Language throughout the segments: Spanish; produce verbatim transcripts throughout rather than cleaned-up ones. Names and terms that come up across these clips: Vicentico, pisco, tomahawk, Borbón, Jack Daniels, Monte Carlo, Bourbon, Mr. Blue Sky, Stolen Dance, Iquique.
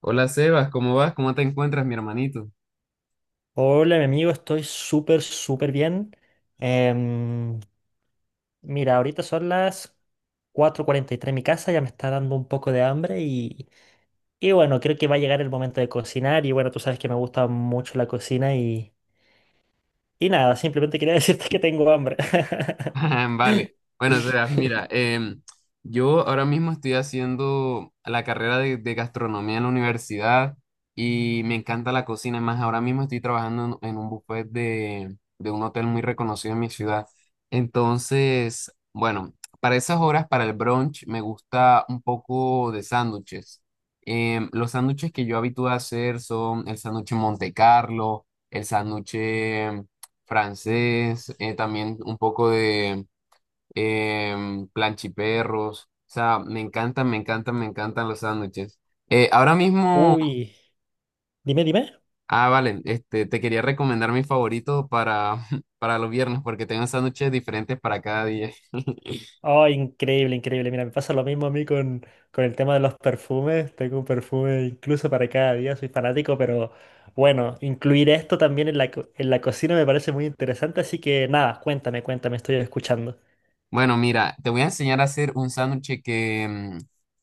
Hola Sebas, ¿cómo vas? ¿Cómo te encuentras, mi hermanito? Hola, mi amigo, estoy súper, súper bien. Em, Mira, ahorita son las cuatro cuarenta y tres en mi casa, ya me está dando un poco de hambre y, y bueno, creo que va a llegar el momento de cocinar y bueno, tú sabes que me gusta mucho la cocina y, y nada, simplemente quería decirte que tengo hambre. Vale. Bueno, Sebas, mira, em, yo ahora mismo estoy haciendo la carrera de, de gastronomía en la universidad y me encanta la cocina. Es más, ahora mismo estoy trabajando en, en un buffet de, de un hotel muy reconocido en mi ciudad. Entonces, bueno, para esas horas, para el brunch, me gusta un poco de sándwiches. Em, los sándwiches que yo habitúo a hacer son el sándwich Monte Carlo, el sándwich em, francés, eh, también un poco de em, planchiperros. O sea, me encantan, me encantan, me encantan los sándwiches. Eh, ahora mismo, Uy, dime, dime. ah, vale, este, te quería recomendar mi favorito para, para los viernes porque tengo sándwiches diferentes para cada día. Oh, increíble, increíble. Mira, me pasa lo mismo a mí con, con el tema de los perfumes. Tengo un perfume incluso para cada día, soy fanático, pero bueno, incluir esto también en la, co- en la cocina me parece muy interesante, así que nada, cuéntame, cuéntame, estoy escuchando. Bueno, mira, te voy a enseñar a hacer un sándwich que mm,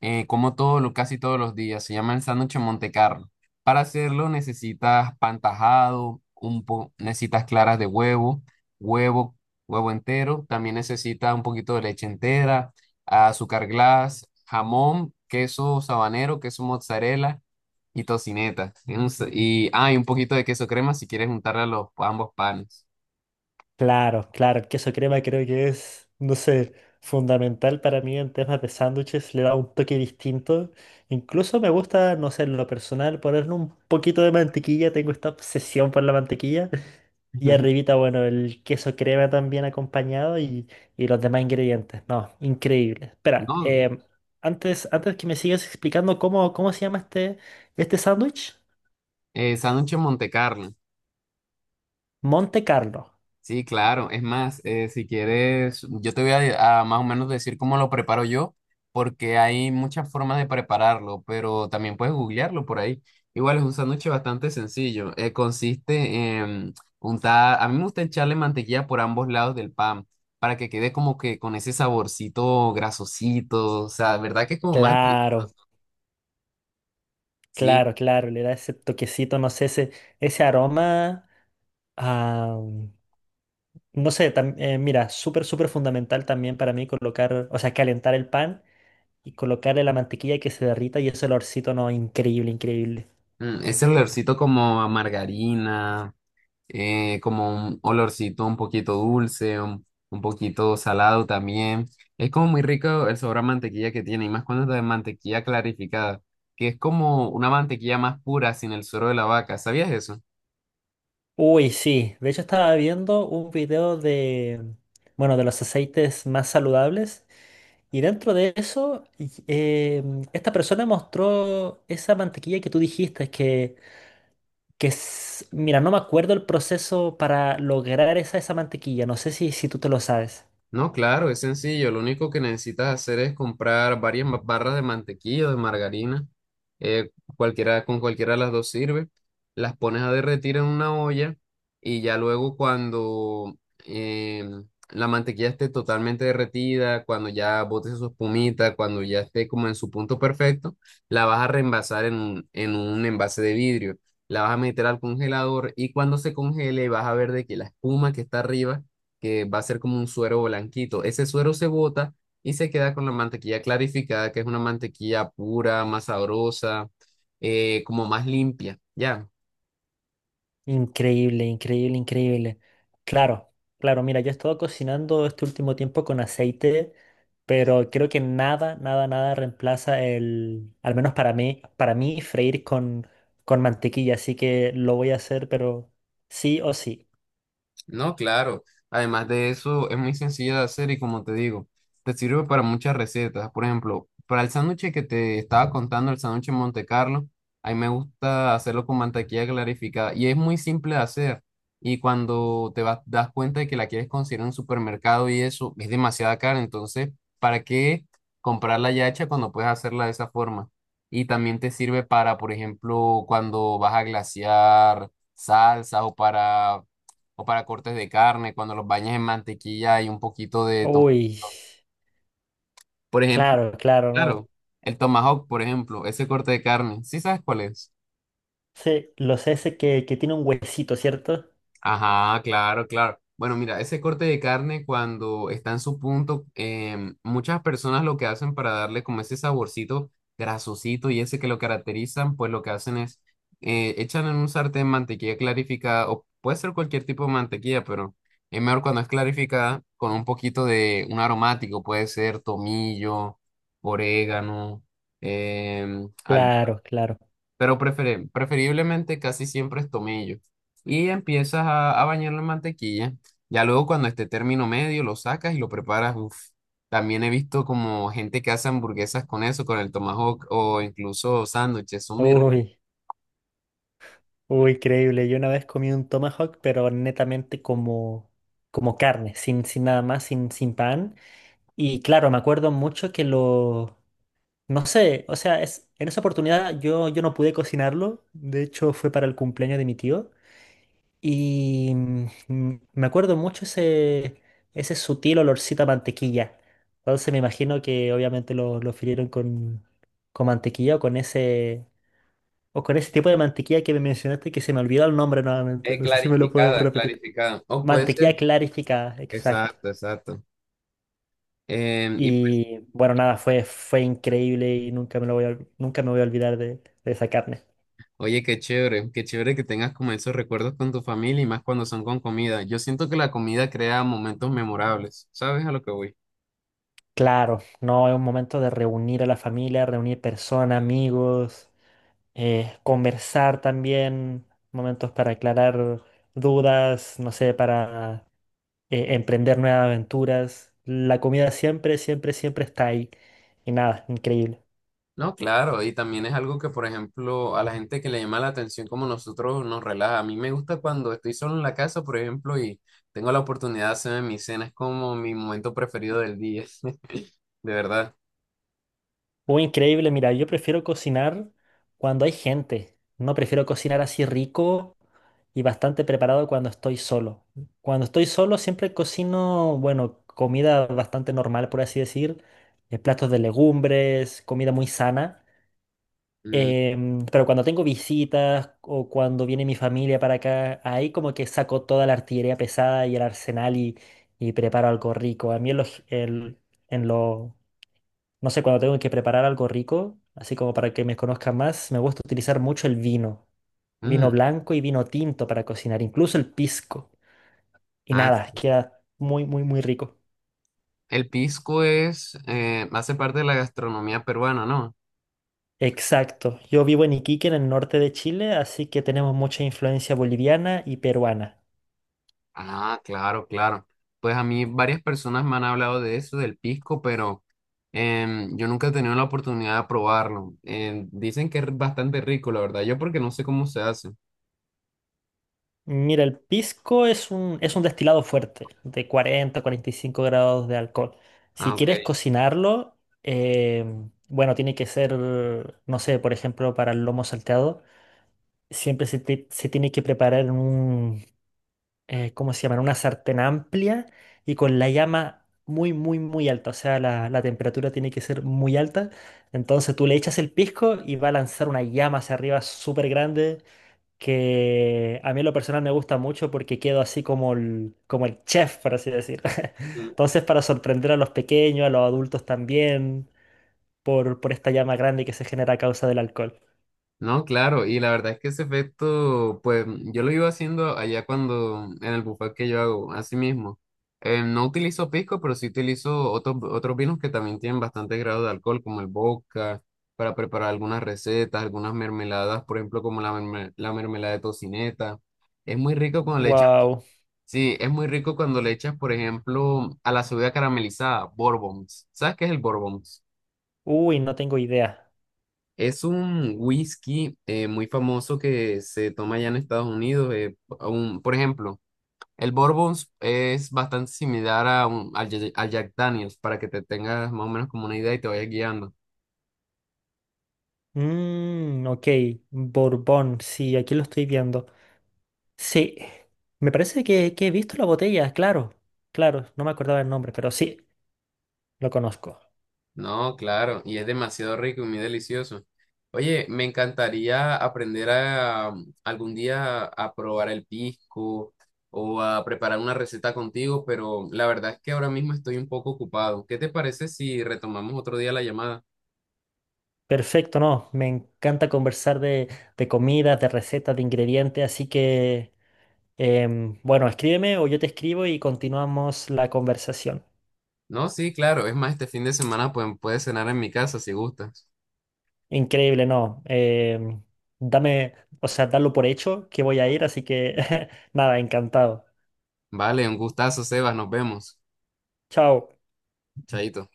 eh, como todo, lo, casi todos los días. Se llama el sándwich Montecarlo. Para hacerlo necesitas pan tajado, un po- necesitas claras de huevo, huevo, huevo entero. También necesitas un poquito de leche entera, azúcar glass, jamón, queso sabanero, queso mozzarella y tocineta. Y, un sa- y- ah, y un poquito de queso crema si quieres juntarle a los a ambos panes. Claro, claro, el queso crema creo que es, no sé, fundamental para mí en temas de sándwiches, le da un toque distinto. Incluso me gusta, no sé, en lo personal, ponerle un poquito de mantequilla, tengo esta obsesión por la mantequilla. Y arribita, bueno, el queso crema también acompañado y, y los demás ingredientes. No, increíble. Espera, No, em, antes, antes que me sigas explicando cómo, cómo se llama este, este sándwich, eh, sándwich Montecarlo. Monte Carlo. Sí, claro. Es más, eh, si quieres, yo te voy a, a más o menos decir cómo lo preparo yo, porque hay muchas formas de prepararlo, pero también puedes googlearlo por ahí. Igual es un sándwich bastante sencillo. Eh, consiste en untar, a mí me gusta echarle mantequilla por ambos lados del pan para que quede como que con ese saborcito grasosito, o sea, ¿verdad que es como más rico? Claro, Sí, claro, claro. Le da ese toquecito, no sé, ese, ese aroma. A, no sé, tam- eh, mira, súper, súper fundamental también para mí colocar, o sea, calentar el pan y colocarle la mantequilla que se derrita y ese olorcito, no, increíble, increíble. mm, ese olorcito como a margarina. Eh, como un olorcito un poquito dulce, un, un poquito salado también. Es como muy rico el sabor a mantequilla que tiene, y más cuando es de mantequilla clarificada, que es como una mantequilla más pura sin el suero de la vaca. ¿Sabías eso? Uy, sí. De hecho, estaba viendo un video de, bueno, de los aceites más saludables. Y dentro de eso, y- eh, esta persona mostró esa mantequilla que tú dijiste, que, que es, mira, no me acuerdo el proceso para lograr esa, esa mantequilla. No sé si, si tú te lo sabes. No, claro, es sencillo. Lo único que necesitas hacer es comprar varias ma- barras de mantequilla o de margarina. eh, Cualquiera, con cualquiera de las dos sirve. Las pones a derretir en una olla y ya luego cuando em, la mantequilla esté totalmente derretida, cuando ya bote su espumita, cuando ya esté como en su punto perfecto, la vas a reenvasar en un, en un envase de vidrio. La vas a meter al congelador y cuando se congele vas a ver de que la espuma que está arriba que va a ser como un suero blanquito. Ese suero se bota y se queda con la mantequilla clarificada, que es una mantequilla pura, más sabrosa, eh, como más limpia, ¿ya? Increíble, increíble, increíble. Claro, claro, mira, yo he estado cocinando este último tiempo con aceite, pero creo que nada, nada, nada reemplaza el, al menos para mí, para mí, freír con, con mantequilla, así que lo voy a hacer, pero sí o sí. No, claro. Además de eso, es muy sencilla de hacer y como te digo, te sirve para muchas recetas. Por ejemplo, para el sándwich que te estaba contando, el sándwich en Monte Carlo, a mí me gusta hacerlo con mantequilla clarificada y es muy simple de hacer. Y cuando te vas, das cuenta de que la quieres conseguir en un supermercado y eso, es demasiada cara. Entonces, ¿para qué comprarla ya hecha cuando puedes hacerla de esa forma? Y también te sirve para, por ejemplo, cuando vas a glasear salsas o para o para cortes de carne, cuando los bañas en mantequilla y un poquito de tom- Uy, Por ejemplo, claro, claro, no. claro, el tomahawk, por ejemplo, ese corte de carne, ¿sí sabes cuál es? Sí, los ese que, que tiene un huesito, ¿cierto? Ajá, claro, claro. Bueno, mira, ese corte de carne cuando está en su punto, em, muchas personas lo que hacen para darle como ese saborcito grasosito y ese que lo caracterizan, pues lo que hacen es eh, echan en un sartén mantequilla clarificada o puede ser cualquier tipo de mantequilla, pero es mejor cuando es clarificada con un poquito de un aromático, puede ser tomillo, orégano, em, albahaca Claro, claro. pero prefere- preferiblemente casi siempre es tomillo. Y empiezas a, a bañarlo en mantequilla. Ya luego cuando esté término medio lo sacas y lo preparas. Uf. También he visto como gente que hace hamburguesas con eso, con el tomahawk o incluso sándwiches. Son muy ricas. Uy. Uy, increíble. Yo una vez comí un tomahawk, pero netamente como, como carne, sin, sin nada más, sin, sin pan. Y claro, me acuerdo mucho que lo... No sé, o sea, es, en esa oportunidad yo, yo no pude cocinarlo. De hecho, fue para el cumpleaños de mi tío. Y mm, mm, me acuerdo mucho ese, ese sutil olorcito a mantequilla. Entonces me imagino que obviamente lo, lo frieron con, con mantequilla o con ese... O con ese tipo de mantequilla que me mencionaste que se me olvidó el nombre nuevamente. Eh, No sé si me lo puedes clarificada, repetir. clarificada. O puede Mantequilla ser. clarificada, exacto. Exacto, exacto. Em, y pues, Y bueno, nada, fue, fue increíble y nunca me lo voy a, ol- nunca me voy a olvidar de, de esa carne. oye, qué chévere, qué chévere que tengas como esos recuerdos con tu familia y más cuando son con comida. Yo siento que la comida crea momentos memorables. ¿Sabes a lo que voy? Claro, no, es un momento de reunir a la familia, reunir personas, amigos, eh, conversar también, momentos para aclarar dudas, no sé, para eh, emprender nuevas aventuras. La comida siempre, siempre, siempre está ahí. Y nada, increíble. No, claro, y también es algo que, por ejemplo, a la gente que le llama la atención como nosotros nos relaja. A mí me gusta cuando estoy solo en la casa, por ejemplo, y tengo la oportunidad de hacerme mi cena, es como mi momento preferido del día, de verdad. Uy, increíble, mira, yo prefiero cocinar cuando hay gente. No prefiero cocinar así rico y bastante preparado cuando estoy solo. Cuando estoy solo siempre cocino, bueno, comida bastante normal, por así decir, eh, platos de legumbres, comida muy sana. Mm, Em, pero cuando tengo visitas o cuando viene mi familia para acá, ahí como que saco toda la artillería pesada y el arsenal y, y preparo algo rico. A mí en los, el- en los no sé, cuando tengo que preparar algo rico, así como para que me conozcan más, me gusta utilizar mucho el vino. Vino mm. blanco y vino tinto para cocinar, incluso el pisco. Y Ah, nada, sí. queda muy, muy, muy rico. El pisco es, eh, hace parte de la gastronomía peruana, ¿no? Exacto. Yo vivo en Iquique, en el norte de Chile, así que tenemos mucha influencia boliviana y peruana. Ah, claro, claro. Pues a mí varias personas me han hablado de eso, del pisco, pero em, yo nunca he tenido la oportunidad de probarlo. Em, dicen que es bastante rico, la verdad. Yo porque no sé cómo se hace. Mira, el pisco es un, es un destilado fuerte, de cuarenta cuarenta y cinco grados de alcohol. Ah, Si ok. quieres cocinarlo, em, bueno, tiene que ser, no sé, por ejemplo, para el lomo salteado. Siempre se, te- se tiene que preparar en un, eh, ¿cómo se llama? En una sartén amplia y con la llama muy, muy, muy alta. O sea, la, la temperatura tiene que ser muy alta. Entonces tú le echas el pisco y va a lanzar una llama hacia arriba súper grande que a mí en lo personal me gusta mucho porque quedo así como el, como el chef, por así decir. Entonces para sorprender a los pequeños, a los adultos también, por, por esta llama grande que se genera a causa del alcohol. No, claro, y la verdad es que ese efecto, pues yo lo iba haciendo allá cuando, en el buffet que yo hago, así mismo. Eh, no utilizo pisco, pero sí utilizo otros, otros vinos que también tienen bastante grado de alcohol, como el vodka, para preparar algunas recetas, algunas mermeladas, por ejemplo, como la, merme- la mermelada de tocineta. Es muy rico cuando le echas, Wow. sí, es muy rico cuando le echas, por ejemplo, a la cebolla caramelizada, Bourbons. ¿Sabes qué es el Bourbons? Uy, no tengo idea. Es un whisky eh, muy famoso que se toma allá en Estados Unidos. Eh, a un- por ejemplo, el Bourbon es bastante similar a, un- al Jack al Jack Daniels, para que te tengas más o menos como una idea y te vayas guiando. Mm, ok, Borbón, sí, aquí lo estoy viendo. Sí, me parece que, que he visto la botella, claro, claro, no me acordaba el nombre, pero sí, lo conozco. No, claro, y es demasiado rico y muy delicioso. Oye, me encantaría aprender a, um, algún día a probar el pisco o a preparar una receta contigo, pero la verdad es que ahora mismo estoy un poco ocupado. ¿Qué te parece si retomamos otro día la llamada? Perfecto, no, me encanta conversar de, de comidas, de recetas, de ingredientes, así que, em, bueno, escríbeme o yo te escribo y continuamos la conversación. No, sí, claro. Es más, este fin de semana pues, puedes cenar en mi casa si gustas. Increíble, no, em, dame, o sea, darlo por hecho que voy a ir, así que, nada, encantado. Vale, un gustazo, Sebas. Nos vemos. Chao. Chaito.